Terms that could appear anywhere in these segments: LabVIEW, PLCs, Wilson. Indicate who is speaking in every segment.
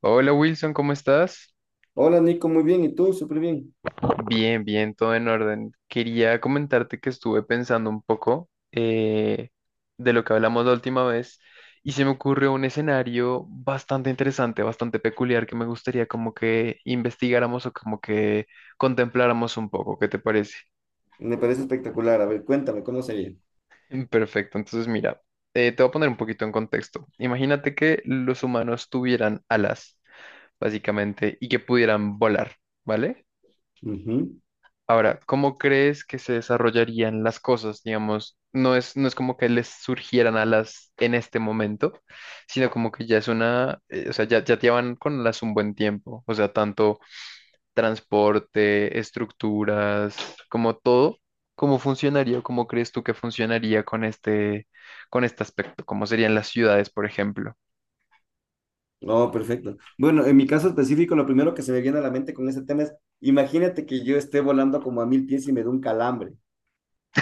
Speaker 1: Hola Wilson, ¿cómo estás?
Speaker 2: Hola Nico, muy bien. ¿Y tú? Súper bien.
Speaker 1: Bien, bien, todo en orden. Quería comentarte que estuve pensando un poco de lo que hablamos la última vez y se me ocurrió un escenario bastante interesante, bastante peculiar que me gustaría como que investigáramos o como que contempláramos un poco. ¿Qué te parece?
Speaker 2: Me parece espectacular. A ver, cuéntame, ¿cómo sería?
Speaker 1: Perfecto, entonces mira, te voy a poner un poquito en contexto. Imagínate que los humanos tuvieran alas, básicamente, y que pudieran volar, ¿vale?
Speaker 2: Ujú.
Speaker 1: Ahora, ¿cómo crees que se desarrollarían las cosas? Digamos, no es como que les surgieran alas en este momento, sino como que ya es una, o sea, ya llevan con las un buen tiempo. O sea, tanto transporte, estructuras, como todo, ¿cómo funcionaría o cómo crees tú que funcionaría con este aspecto? ¿Cómo serían las ciudades, por ejemplo?
Speaker 2: Oh, perfecto. Bueno, en mi caso específico, lo primero que se me viene a la mente con ese tema es, imagínate que yo esté volando como a 1000 pies y me dé un calambre.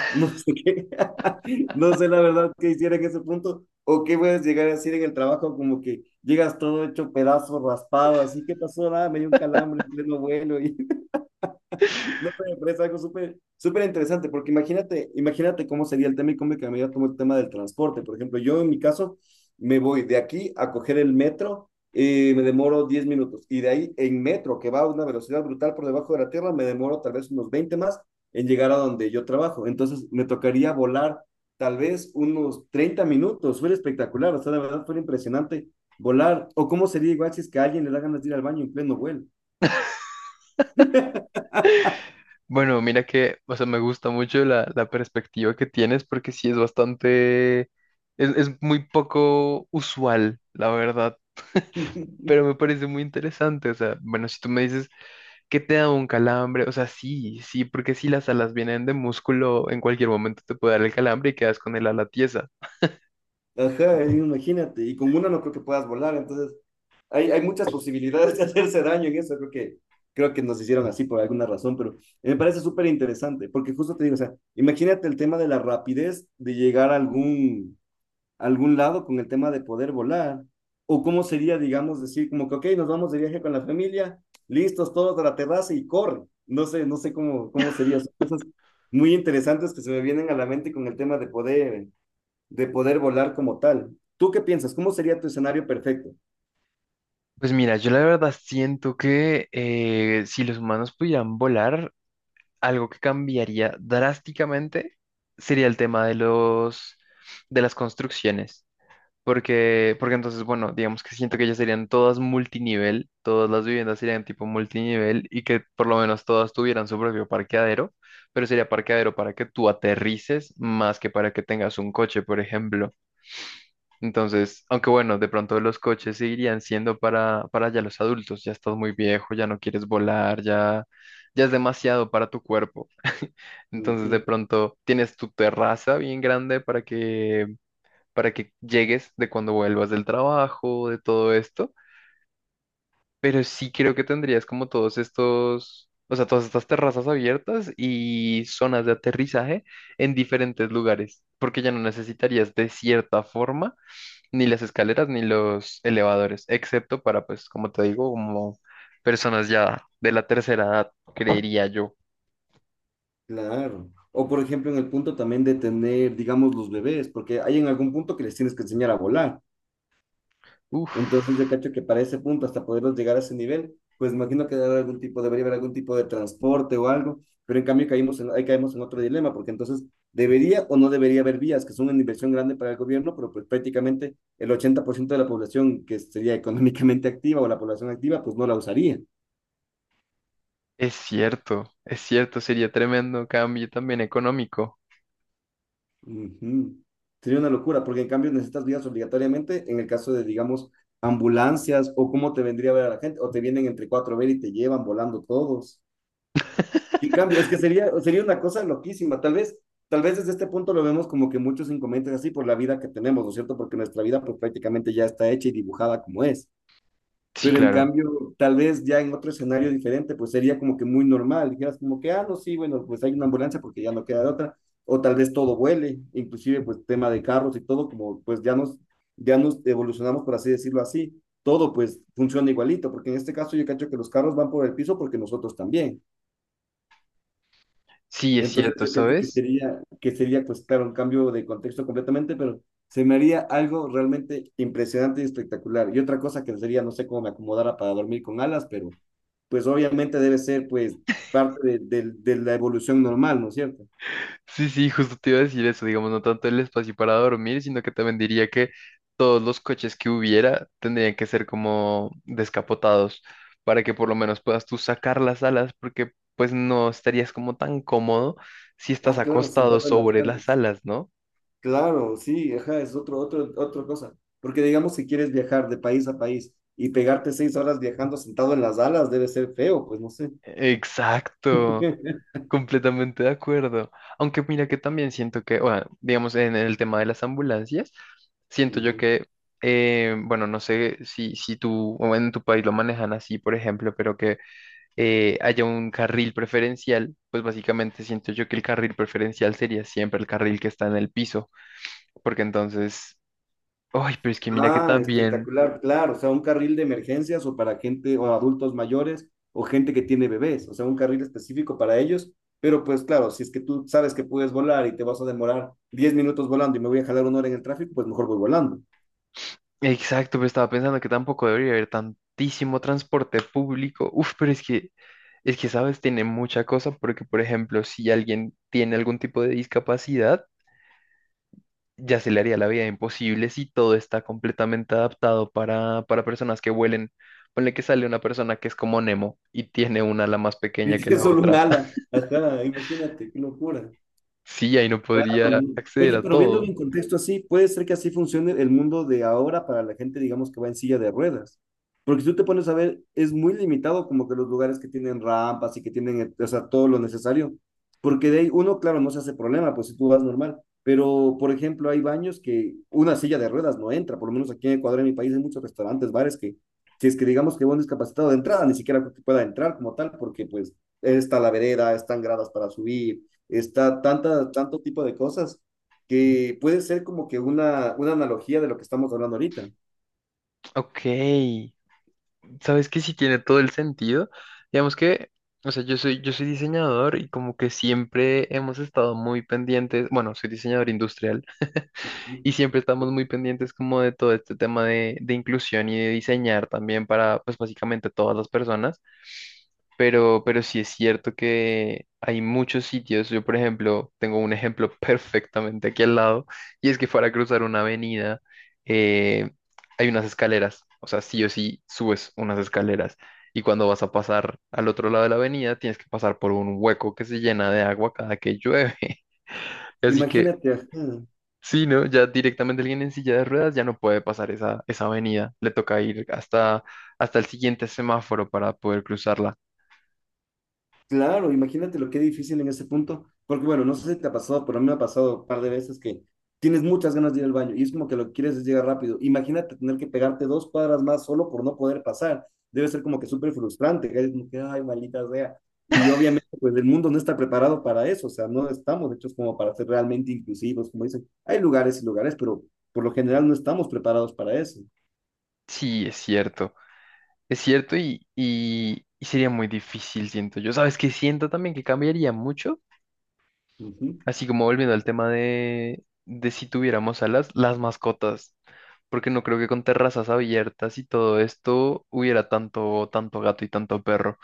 Speaker 2: No sé qué, no sé la verdad qué hiciera en ese punto o qué puedes llegar a decir en el trabajo como que llegas todo hecho pedazos, raspado, así, ¿qué pasó? Nada, me dio un calambre en pleno vuelo No sé, me parece algo súper súper interesante, porque imagínate, imagínate cómo sería el tema y cómo me cambiaría todo el tema del transporte. Por ejemplo, yo en mi caso me voy de aquí a coger el metro, me demoro 10 minutos, y de ahí en metro, que va a una velocidad brutal por debajo de la tierra, me demoro tal vez unos 20 más en llegar a donde yo trabajo. Entonces me tocaría volar tal vez unos 30 minutos, fue espectacular, o sea, de verdad fue impresionante volar. O cómo sería igual si es que a alguien le da ganas de ir al baño en pleno vuelo.
Speaker 1: Bueno, mira que, o sea, me gusta mucho la perspectiva que tienes porque sí es bastante, es muy poco usual, la verdad, pero me parece muy interesante, o sea, bueno, si tú me dices que te da un calambre, o sea, sí, sí, porque si las alas vienen de músculo, en cualquier momento te puede dar el calambre y quedas con el ala tiesa.
Speaker 2: Ajá, imagínate, y con una no creo que puedas volar, entonces hay muchas posibilidades de hacerse daño en eso, creo que nos hicieron así por alguna razón, pero me parece súper interesante, porque justo te digo, o sea, imagínate el tema de la rapidez de llegar a algún lado con el tema de poder volar, o cómo sería, digamos, decir como que, ok, nos vamos de viaje con la familia, listos todos a la terraza y corre, no sé, no sé cómo, cómo sería, son cosas muy interesantes que se me vienen a la mente con el tema de poder volar como tal. ¿Tú qué piensas? ¿Cómo sería tu escenario perfecto?
Speaker 1: Pues mira, yo la verdad siento que si los humanos pudieran volar, algo que cambiaría drásticamente sería el tema de las construcciones, porque entonces, bueno, digamos que siento que ya serían todas multinivel, todas las viviendas serían tipo multinivel y que por lo menos todas tuvieran su propio parqueadero, pero sería parqueadero para que tú aterrices más que para que tengas un coche, por ejemplo. Entonces, aunque bueno, de pronto los coches seguirían siendo para ya los adultos, ya estás muy viejo, ya no quieres volar, ya es demasiado para tu cuerpo. Entonces de
Speaker 2: Ujú,
Speaker 1: pronto tienes tu terraza bien grande para que llegues de cuando vuelvas del trabajo, de todo esto. Pero sí creo que tendrías como todos estos, o sea, todas estas terrazas abiertas y zonas de aterrizaje en diferentes lugares, porque ya no necesitarías de cierta forma ni las escaleras ni los elevadores, excepto para, pues, como te digo, como personas ya de la tercera edad, creería yo.
Speaker 2: claro. O por ejemplo, en el punto también de tener, digamos, los bebés, porque hay en algún punto que les tienes que enseñar a volar. Entonces yo
Speaker 1: Uf.
Speaker 2: cacho que para ese punto, hasta poderlos llegar a ese nivel, pues imagino que debe haber algún tipo, debería haber algún tipo de transporte o algo, pero en cambio caímos en, ahí caemos en otro dilema, porque entonces debería o no debería haber vías, que son una inversión grande para el gobierno, pero pues prácticamente el 80% de la población que sería económicamente activa o la población activa, pues no la usaría.
Speaker 1: Es cierto, sería tremendo cambio también económico.
Speaker 2: Ujú. Sería una locura, porque en cambio necesitas vías obligatoriamente en el caso de, digamos, ambulancias o cómo te vendría a ver a la gente, o te vienen entre cuatro a ver y te llevan volando todos. En cambio, es que sería, sería una cosa loquísima. Tal vez desde este punto lo vemos como que muchos inconvenientes así por la vida que tenemos, ¿no es cierto? Porque nuestra vida pues prácticamente ya está hecha y dibujada como es.
Speaker 1: Sí,
Speaker 2: Pero en
Speaker 1: claro.
Speaker 2: cambio, tal vez ya en otro escenario diferente, pues sería como que muy normal. Dijeras como que, ah, no, sí, bueno, pues hay una ambulancia porque ya no queda de otra. O tal vez todo vuele, inclusive pues tema de carros y todo, como pues ya nos evolucionamos, por así decirlo así. Todo pues funciona igualito, porque en este caso yo cacho que los carros van por el piso porque nosotros también.
Speaker 1: Sí, es
Speaker 2: Entonces
Speaker 1: cierto,
Speaker 2: yo creo
Speaker 1: ¿sabes?
Speaker 2: que sería, pues claro, un cambio de contexto completamente, pero se me haría algo realmente impresionante y espectacular. Y otra cosa que sería, no sé cómo me acomodara para dormir con alas, pero pues obviamente debe ser pues parte de, de la evolución normal, ¿no es cierto?
Speaker 1: Sí, sí, justo te iba a decir eso, digamos, no tanto el espacio para dormir, sino que también diría que todos los coches que hubiera tendrían que ser como descapotados para que por lo menos puedas tú sacar las alas, porque pues no estarías como tan cómodo si estás
Speaker 2: Ah, claro,
Speaker 1: acostado
Speaker 2: sentado en las
Speaker 1: sobre las
Speaker 2: ganas.
Speaker 1: alas, ¿no?
Speaker 2: Claro, sí, ajá, es otro, otro, otra cosa. Porque digamos si quieres viajar de país a país y pegarte 6 horas viajando sentado en las alas debe ser feo, pues no sé.
Speaker 1: Exacto. Completamente de acuerdo. Aunque mira que también siento que, bueno, digamos en el tema de las ambulancias, siento yo
Speaker 2: Ujú.
Speaker 1: que, bueno, no sé si tú o en tu país lo manejan así, por ejemplo, pero que haya un carril preferencial, pues básicamente siento yo que el carril preferencial sería siempre el carril que está en el piso, porque entonces, ay, pero es que mira que
Speaker 2: Ah,
Speaker 1: también...
Speaker 2: espectacular, claro, o sea, un carril de emergencias o para gente o adultos mayores o gente que tiene bebés, o sea, un carril específico para ellos, pero pues claro, si es que tú sabes que puedes volar y te vas a demorar 10 minutos volando y me voy a jalar una hora en el tráfico, pues mejor voy volando.
Speaker 1: Exacto, pero estaba pensando que tampoco debería haber tantísimo transporte público. Uf, pero es que, ¿sabes? Tiene mucha cosa porque, por ejemplo, si alguien tiene algún tipo de discapacidad, ya se le haría la vida imposible si todo está completamente adaptado para personas que vuelen. Ponle que sale una persona que es como Nemo y tiene una ala más
Speaker 2: Y
Speaker 1: pequeña que
Speaker 2: tienes
Speaker 1: la
Speaker 2: solo un
Speaker 1: otra.
Speaker 2: ala, ajá, imagínate, qué locura.
Speaker 1: Sí, ahí no
Speaker 2: Claro.
Speaker 1: podría acceder
Speaker 2: Oye,
Speaker 1: a
Speaker 2: pero viéndolo
Speaker 1: todo.
Speaker 2: en contexto así, puede ser que así funcione el mundo de ahora para la gente, digamos, que va en silla de ruedas. Porque si tú te pones a ver, es muy limitado como que los lugares que tienen rampas y que tienen, o sea, todo lo necesario. Porque de ahí uno, claro, no se hace problema, pues si tú vas normal. Pero, por ejemplo, hay baños que una silla de ruedas no entra. Por lo menos aquí en Ecuador, en mi país, hay muchos restaurantes, bares que, si es que digamos que va un discapacitado de entrada, ni siquiera creo que pueda entrar como tal, porque pues está la vereda, están gradas para subir está tanta, tanto tipo de cosas que puede ser como que una analogía de lo que estamos hablando ahorita.
Speaker 1: Ok, sabes que sí tiene todo el sentido. Digamos que, o sea, yo soy diseñador y como que siempre hemos estado muy pendientes, bueno, soy diseñador industrial
Speaker 2: Ujú.
Speaker 1: y siempre estamos muy pendientes como de todo este tema de inclusión y de diseñar también para, pues básicamente todas las personas. Pero sí es cierto que hay muchos sitios. Yo, por ejemplo, tengo un ejemplo perfectamente aquí al lado, y es que para cruzar una avenida eh, hay unas escaleras. O sea, sí o sí subes unas escaleras. Y cuando vas a pasar al otro lado de la avenida, tienes que pasar por un hueco que se llena de agua cada que llueve. Así que,
Speaker 2: Imagínate, ajá,
Speaker 1: sí, ¿no? Ya directamente alguien en silla de ruedas ya no puede pasar esa, esa avenida. Le toca ir hasta, hasta el siguiente semáforo para poder cruzarla.
Speaker 2: claro, imagínate lo que difícil en ese punto, porque bueno, no sé si te ha pasado, pero a mí me ha pasado un par de veces que tienes muchas ganas de ir al baño y es como que lo que quieres es llegar rápido. Imagínate tener que pegarte 2 cuadras más solo por no poder pasar. Debe ser como que súper frustrante, que es como que, ay, maldita sea. Y obviamente, pues el mundo no está preparado para eso, o sea, no estamos hechos como para ser realmente inclusivos, como dicen. Hay lugares y lugares, pero por lo general no estamos preparados para eso.
Speaker 1: Sí, es cierto. Es cierto y sería muy difícil, siento yo. ¿Sabes qué? Siento también que cambiaría mucho,
Speaker 2: Ujú.
Speaker 1: así como volviendo al tema de si tuviéramos alas, las mascotas, porque no creo que con terrazas abiertas y todo esto hubiera tanto, tanto gato y tanto perro.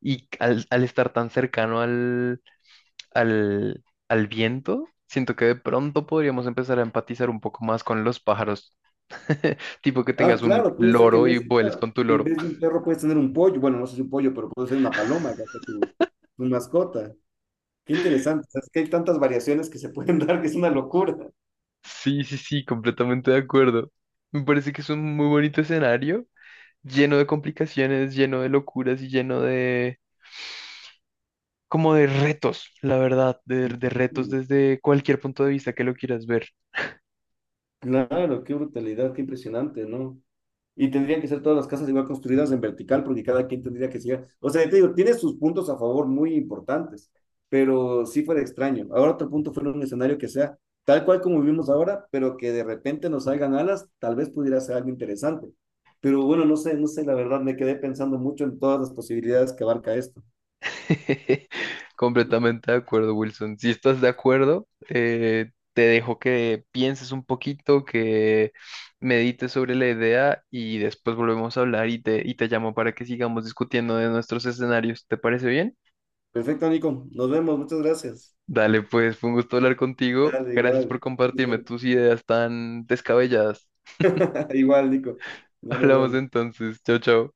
Speaker 1: Y al estar tan cercano al viento, siento que de pronto podríamos empezar a empatizar un poco más con los pájaros, tipo que
Speaker 2: Ah,
Speaker 1: tengas un
Speaker 2: claro, puede ser que en
Speaker 1: loro y
Speaker 2: vez de,
Speaker 1: vueles
Speaker 2: claro,
Speaker 1: con tu
Speaker 2: en
Speaker 1: loro.
Speaker 2: vez de un perro puedes tener un pollo. Bueno, no sé si un pollo, pero puede ser una paloma, que hace tu, tu mascota. Qué interesante. O sea, es que hay tantas variaciones que se pueden dar que es una locura.
Speaker 1: Sí, sí, sí, completamente de acuerdo. Me parece que es un muy bonito escenario, lleno de complicaciones, lleno de locuras y lleno de, como de retos, la verdad, de retos desde cualquier punto de vista que lo quieras ver.
Speaker 2: Claro, qué brutalidad, qué impresionante, ¿no? Y tendrían que ser todas las casas igual construidas en vertical porque cada quien tendría que ser. O sea, te digo, tiene sus puntos a favor muy importantes, pero sí fuera extraño. Ahora otro punto fuera un escenario que sea tal cual como vivimos ahora, pero que de repente nos salgan alas, tal vez pudiera ser algo interesante. Pero bueno, no sé, no sé, la verdad me quedé pensando mucho en todas las posibilidades que abarca esto.
Speaker 1: Completamente de acuerdo, Wilson. Si estás de acuerdo, te dejo que pienses un poquito, que medites sobre la idea y después volvemos a hablar y te llamo para que sigamos discutiendo de nuestros escenarios. ¿Te parece bien?
Speaker 2: Perfecto, Nico. Nos vemos, muchas gracias.
Speaker 1: Dale, pues fue un gusto hablar contigo.
Speaker 2: Dale,
Speaker 1: Gracias por
Speaker 2: igual.
Speaker 1: compartirme
Speaker 2: Bien.
Speaker 1: tus ideas tan descabelladas.
Speaker 2: Igual, Nico. No nos
Speaker 1: Hablamos
Speaker 2: vemos.
Speaker 1: entonces. Chao, chao.